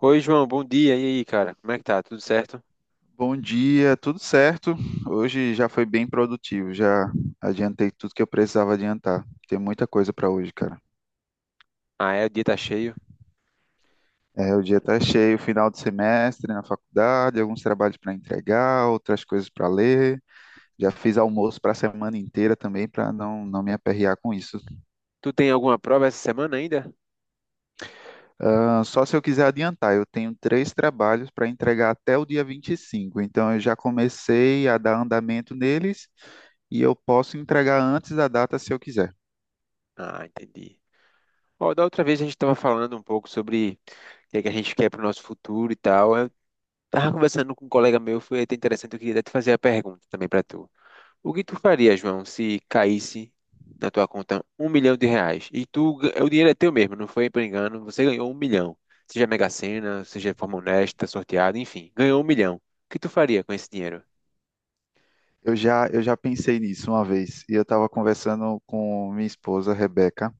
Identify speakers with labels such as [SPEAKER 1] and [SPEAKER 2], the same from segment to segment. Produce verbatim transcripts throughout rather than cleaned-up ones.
[SPEAKER 1] Oi, João, bom dia. E aí, cara? Como é que tá? Tudo certo?
[SPEAKER 2] Bom dia, tudo certo? Hoje já foi bem produtivo, já adiantei tudo que eu precisava adiantar. Tem muita coisa para hoje, cara.
[SPEAKER 1] Ah, é, o dia tá cheio.
[SPEAKER 2] É, o dia tá cheio, final de semestre na faculdade, alguns trabalhos para entregar, outras coisas para ler. Já fiz almoço para a semana inteira também para não, não me aperrear com isso.
[SPEAKER 1] Tu tem alguma prova essa semana ainda?
[SPEAKER 2] Ah, só se eu quiser adiantar, eu tenho três trabalhos para entregar até o dia vinte e cinco, então eu já comecei a dar andamento neles e eu posso entregar antes da data se eu quiser.
[SPEAKER 1] Ah, entendi. Ó, da outra vez a gente tava falando um pouco sobre o que é que a gente quer pro nosso futuro e tal. Eu tava conversando com um colega meu, foi até interessante, eu queria até te fazer a pergunta também pra tu. O que tu faria, João, se caísse na tua conta um milhão de reais? E tu, ga- o dinheiro é teu mesmo, não foi por engano, você ganhou um milhão. Seja Mega Sena, seja de forma honesta, sorteado, enfim, ganhou um milhão. O que tu faria com esse dinheiro?
[SPEAKER 2] Eu já, eu já pensei nisso uma vez e eu estava conversando com minha esposa, Rebeca.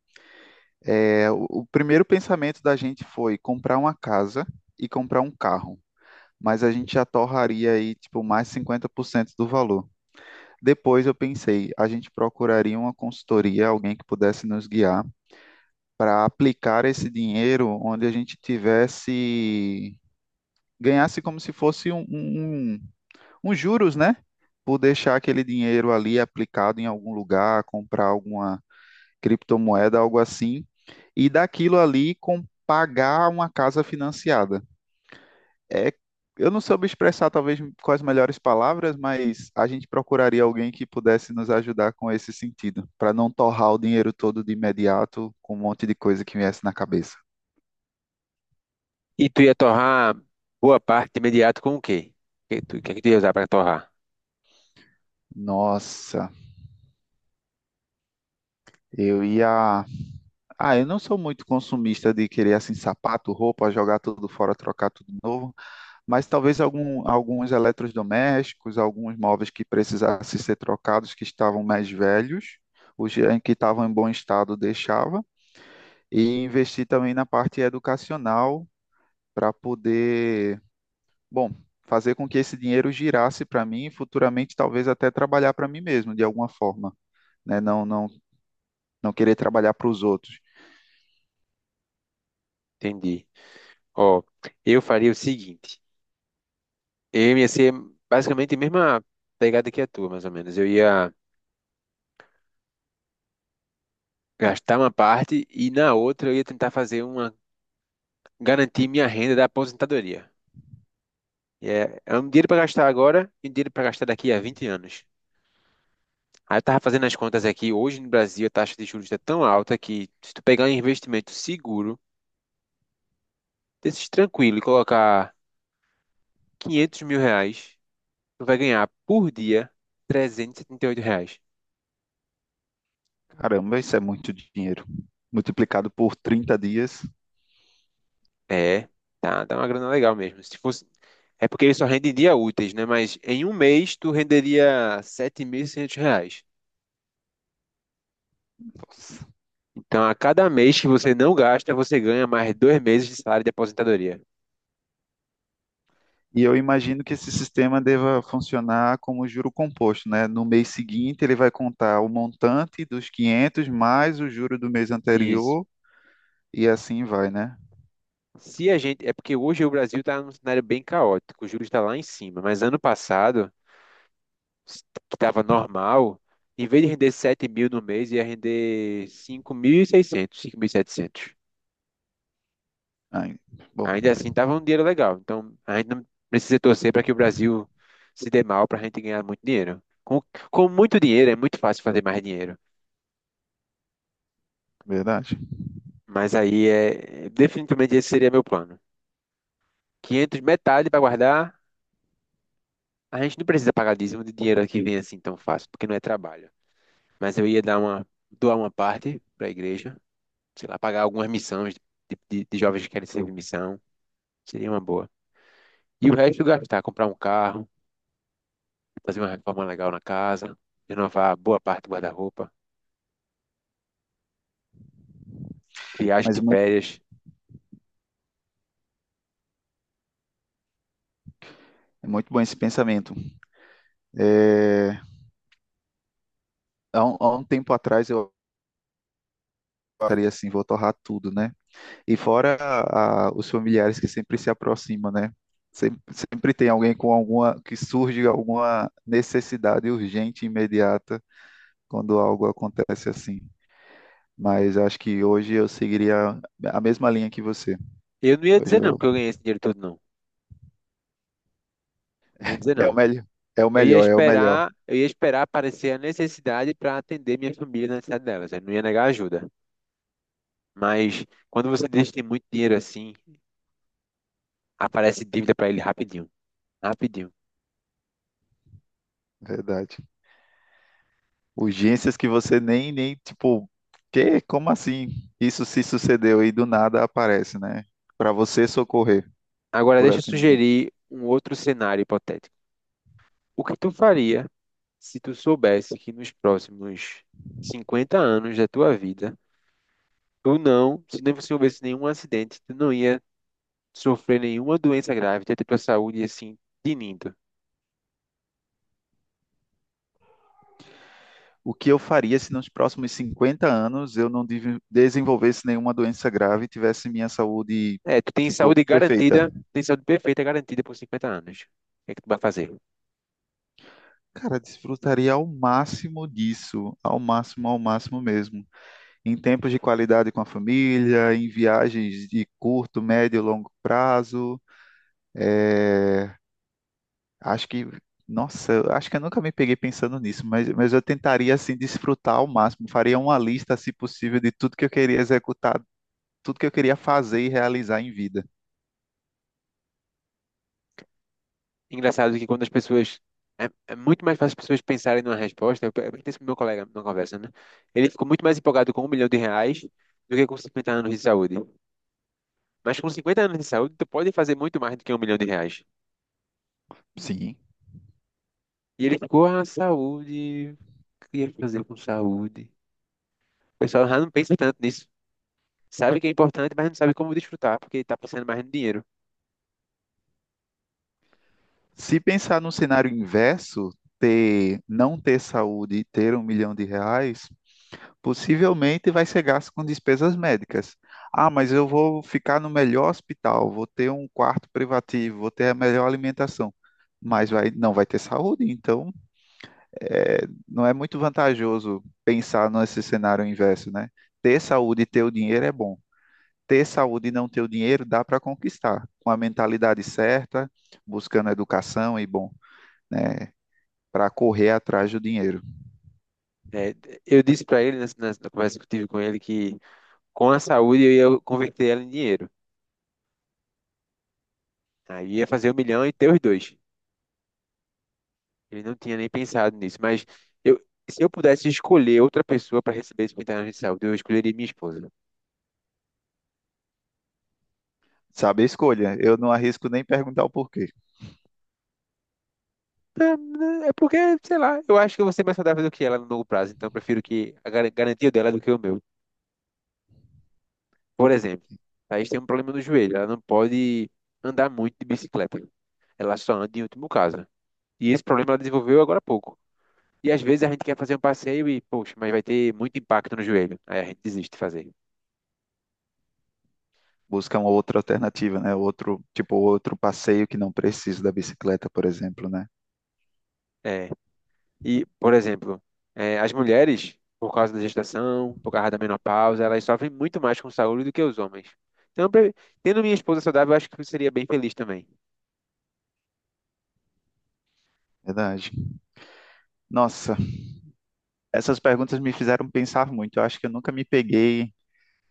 [SPEAKER 2] É, o, o primeiro pensamento da gente foi comprar uma casa e comprar um carro, mas a gente já torraria aí tipo mais cinquenta por cento do valor. Depois eu pensei, a gente procuraria uma consultoria, alguém que pudesse nos guiar para aplicar esse dinheiro onde a gente tivesse, ganhasse como se fosse um, um um uns juros, né? Por deixar aquele dinheiro ali aplicado em algum lugar, comprar alguma criptomoeda, algo assim, e daquilo ali com pagar uma casa financiada. É, eu não soube expressar talvez com as melhores palavras, mas a gente procuraria alguém que pudesse nos ajudar com esse sentido, para não torrar o dinheiro todo de imediato com um monte de coisa que viesse na cabeça.
[SPEAKER 1] E tu ia torrar boa parte imediato com o quê? O que tu, o que é que tu ia usar para torrar?
[SPEAKER 2] Nossa, eu ia Ah, eu não sou muito consumista de querer assim sapato, roupa, jogar tudo fora, trocar tudo novo, mas talvez algum, alguns eletrodomésticos, alguns móveis que precisassem ser trocados, que estavam mais velhos, os em que estavam em bom estado deixava, e investir também na parte educacional para poder, bom, fazer com que esse dinheiro girasse para mim e futuramente talvez até trabalhar para mim mesmo de alguma forma, né? Não, não, não querer trabalhar para os outros.
[SPEAKER 1] Entendi. Ó, eu faria o seguinte. Eu ia ser basicamente a mesma pegada que a tua, mais ou menos. Eu ia gastar uma parte e na outra eu ia tentar fazer uma... Garantir minha renda da aposentadoria. E É, é um dinheiro para gastar agora e um dinheiro para gastar daqui a vinte anos. Aí eu tava fazendo as contas aqui. Hoje no Brasil a taxa de juros está tão alta que se tu pegar um investimento seguro, desses tranquilo e colocar quinhentos mil reais tu vai ganhar por dia trezentos e e setenta e oito reais.
[SPEAKER 2] Caramba, isso é muito dinheiro. Multiplicado por trinta dias.
[SPEAKER 1] É, tá, dá uma grana legal mesmo. Se fosse, é porque ele só rende em dia úteis, né? Mas em um mês tu renderia sete mil e seiscentos reais.
[SPEAKER 2] Nossa.
[SPEAKER 1] Então, a cada mês que você não gasta, você ganha mais dois meses de salário de aposentadoria.
[SPEAKER 2] E eu imagino que esse sistema deva funcionar como juro composto, né? No mês seguinte, ele vai contar o montante dos quinhentos mais o juro do mês
[SPEAKER 1] Isso.
[SPEAKER 2] anterior e assim vai, né?
[SPEAKER 1] Se a gente, é porque hoje o Brasil está num cenário bem caótico, o juros está lá em cima, mas ano passado, s- que estava normal, em vez de render sete mil no mês, ia render cinco cinco mil mil e seiscentos cinco mil e setecentos.
[SPEAKER 2] Ai, bom,
[SPEAKER 1] Ainda assim, tava um dinheiro legal. Então, a gente não precisa torcer para que o Brasil se dê mal para a gente ganhar muito dinheiro. Com, com muito dinheiro, é muito fácil fazer mais dinheiro.
[SPEAKER 2] verdade.
[SPEAKER 1] Mas aí, é, definitivamente, esse seria meu plano. quinhentos, metade para guardar. A gente não precisa pagar dízimo de dinheiro que vem assim tão fácil, porque não é trabalho. Mas eu ia dar uma, doar uma parte para a igreja, sei lá, pagar algumas missões de, de, de jovens que querem servir missão. Seria uma boa. E o resto gastar, comprar um carro, fazer uma reforma legal na casa, renovar boa parte do guarda-roupa, viagem
[SPEAKER 2] Mas
[SPEAKER 1] de
[SPEAKER 2] muito,
[SPEAKER 1] férias.
[SPEAKER 2] é muito bom esse pensamento. É, há um, há um tempo atrás, eu estaria assim, vou torrar tudo, né? E fora a- a- os familiares que sempre se aproximam, né? Sempre, sempre tem alguém com alguma, que surge alguma necessidade urgente, imediata, quando algo acontece assim. Mas acho que hoje eu seguiria a mesma linha que você.
[SPEAKER 1] Eu não ia
[SPEAKER 2] Hoje
[SPEAKER 1] dizer não
[SPEAKER 2] eu,
[SPEAKER 1] que eu ganhei esse dinheiro todo, não. Não ia dizer
[SPEAKER 2] é o
[SPEAKER 1] não.
[SPEAKER 2] melhor, é o
[SPEAKER 1] Eu ia
[SPEAKER 2] melhor, é o melhor.
[SPEAKER 1] esperar, eu ia esperar aparecer a necessidade para atender minha família na necessidade delas. Eu não ia negar ajuda. Mas quando você deixa tem muito dinheiro assim, aparece dívida para ele rapidinho, rapidinho.
[SPEAKER 2] Verdade. Urgências que você nem, nem, tipo, que, como assim? Isso se sucedeu e do nada aparece, né? Para você socorrer,
[SPEAKER 1] Agora
[SPEAKER 2] por
[SPEAKER 1] deixa eu
[SPEAKER 2] assim dizer.
[SPEAKER 1] sugerir um outro cenário hipotético. O que tu faria se tu soubesse que nos próximos cinquenta anos da tua vida? Tu não, se não você houvesse nenhum acidente, tu não ia sofrer nenhuma doença grave, tu ia ter tua saúde assim, tinindo.
[SPEAKER 2] O que eu faria se nos próximos cinquenta anos eu não div- desenvolvesse nenhuma doença grave e tivesse minha saúde,
[SPEAKER 1] É, tu tem
[SPEAKER 2] tipo,
[SPEAKER 1] saúde
[SPEAKER 2] perfeita?
[SPEAKER 1] garantida, tem saúde perfeita garantida por cinquenta anos. O que é que tu vai fazer?
[SPEAKER 2] Cara, desfrutaria ao máximo disso, ao máximo, ao máximo mesmo. Em tempos de qualidade com a família, em viagens de curto, médio e longo prazo. eh, Acho que, nossa, eu acho que eu nunca me peguei pensando nisso, mas, mas eu tentaria, assim, desfrutar ao máximo. Faria uma lista, se possível, de tudo que eu queria executar, tudo que eu queria fazer e realizar em vida.
[SPEAKER 1] Engraçado que quando as pessoas. É, é muito mais fácil as pessoas pensarem numa resposta. Eu, eu pensei pro meu colega numa conversa, né? Ele ficou muito mais empolgado com um milhão de reais do que com cinquenta anos de saúde. Mas com cinquenta anos de saúde, tu pode fazer muito mais do que um milhão de reais.
[SPEAKER 2] Sim.
[SPEAKER 1] E ele ficou, ah, saúde, o que eu ia fazer com saúde? O pessoal já não pensa tanto nisso. Sabe que é importante, mas não sabe como desfrutar, porque está pensando mais no dinheiro.
[SPEAKER 2] Se pensar no cenário inverso, ter, não ter saúde e ter um milhão de reais, possivelmente vai ser gasto com despesas médicas. Ah, mas eu vou ficar no melhor hospital, vou ter um quarto privativo, vou ter a melhor alimentação, mas vai, não vai ter saúde, então é, não é muito vantajoso pensar nesse cenário inverso, né? Ter saúde e ter o dinheiro é bom. Ter saúde e não ter o dinheiro dá para conquistar, com a mentalidade certa, buscando educação e bom, né? Para correr atrás do dinheiro.
[SPEAKER 1] É, eu disse para ele, nessa, nessa- na conversa que eu tive com ele, que com a saúde eu ia converter ela em dinheiro. Aí ia fazer um milhão e ter os dois. Ele não tinha nem pensado nisso, mas eu, se eu pudesse escolher outra pessoa para receber esse milhão de saúde, eu escolheria minha esposa.
[SPEAKER 2] Sabe a escolha? Eu não arrisco nem perguntar o porquê.
[SPEAKER 1] É é porque, sei lá, eu acho que eu vou ser mais saudável do que ela no longo prazo, então eu prefiro que a gar- garantia dela é do que o meu. Por exemplo, a Thaís tem um problema no joelho, ela não pode andar muito de bicicleta. Ela só anda em último caso. E esse problema ela desenvolveu agora há pouco. E às vezes a gente quer fazer um passeio e, poxa, mas vai ter muito impacto no joelho. Aí a gente desiste de fazer.
[SPEAKER 2] Busca uma outra alternativa, né? Outro, tipo, outro passeio que não precisa da bicicleta, por exemplo, né?
[SPEAKER 1] É. E, por exemplo, é, as mulheres, por causa da gestação, por causa da menopausa, elas sofrem muito mais com saúde do que os homens. Então, pra- tendo minha esposa saudável, eu acho que eu seria bem feliz também.
[SPEAKER 2] Verdade. Nossa, essas perguntas me fizeram pensar muito. Eu acho que eu nunca me peguei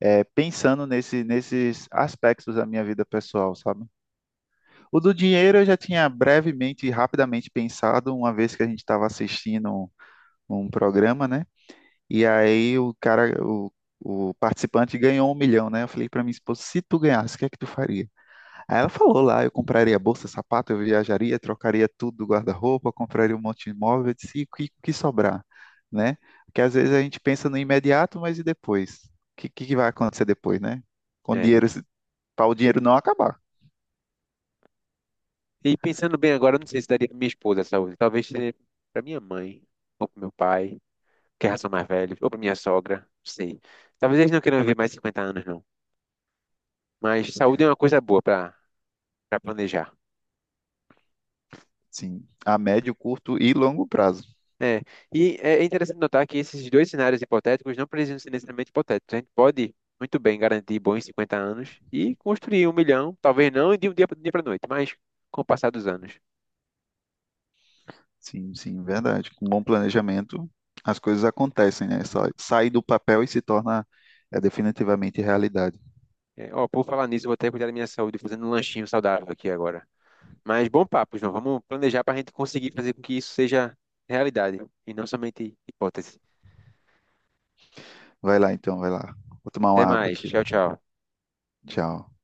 [SPEAKER 2] é, pensando nesse, nesses aspectos da minha vida pessoal, sabe? O do dinheiro eu já tinha brevemente e rapidamente pensado, uma vez que a gente estava assistindo um, um programa, né? E aí o cara, o, o participante ganhou um milhão, né? Eu falei para minha esposa, se tu ganhasse, o que é que tu faria? Aí ela falou lá, eu compraria bolsa, sapato, eu viajaria, trocaria tudo do guarda-roupa, compraria um monte de imóvel, eu disse, e o que, o que sobrar, né? Porque às vezes a gente pensa no imediato, mas e depois? O que, que que vai acontecer depois, né? Com
[SPEAKER 1] É.
[SPEAKER 2] dinheiro, para o dinheiro não acabar,
[SPEAKER 1] E pensando bem agora, eu não sei se daria pra minha esposa a saúde. Talvez seria pra minha mãe, ou para meu pai, que já são mais velhos, ou para minha sogra, não sei. Talvez eles não queiram viver mais cinquenta anos, não. Mas saúde é uma coisa boa para planejar.
[SPEAKER 2] sim, a médio, curto e longo prazo.
[SPEAKER 1] É. E é é interessante notar que esses dois cenários hipotéticos não precisam ser necessariamente hipotéticos. A gente pode muito bem garantir bons cinquenta anos e construir um milhão, talvez não de um dia para noite, mas com o passar dos anos.
[SPEAKER 2] Sim, sim, verdade. Com bom planejamento, as coisas acontecem, né? Só sai do papel e se torna é, definitivamente realidade.
[SPEAKER 1] É, ó, por falar nisso, eu vou até cuidar da minha saúde fazendo um lanchinho saudável aqui agora. Mas bom papo, João. Vamos planejar para a gente conseguir fazer com que isso seja realidade e não somente hipótese.
[SPEAKER 2] Vai lá então, vai lá. Vou tomar
[SPEAKER 1] Até
[SPEAKER 2] uma água
[SPEAKER 1] mais.
[SPEAKER 2] aqui.
[SPEAKER 1] Tchau, tchau.
[SPEAKER 2] Tchau.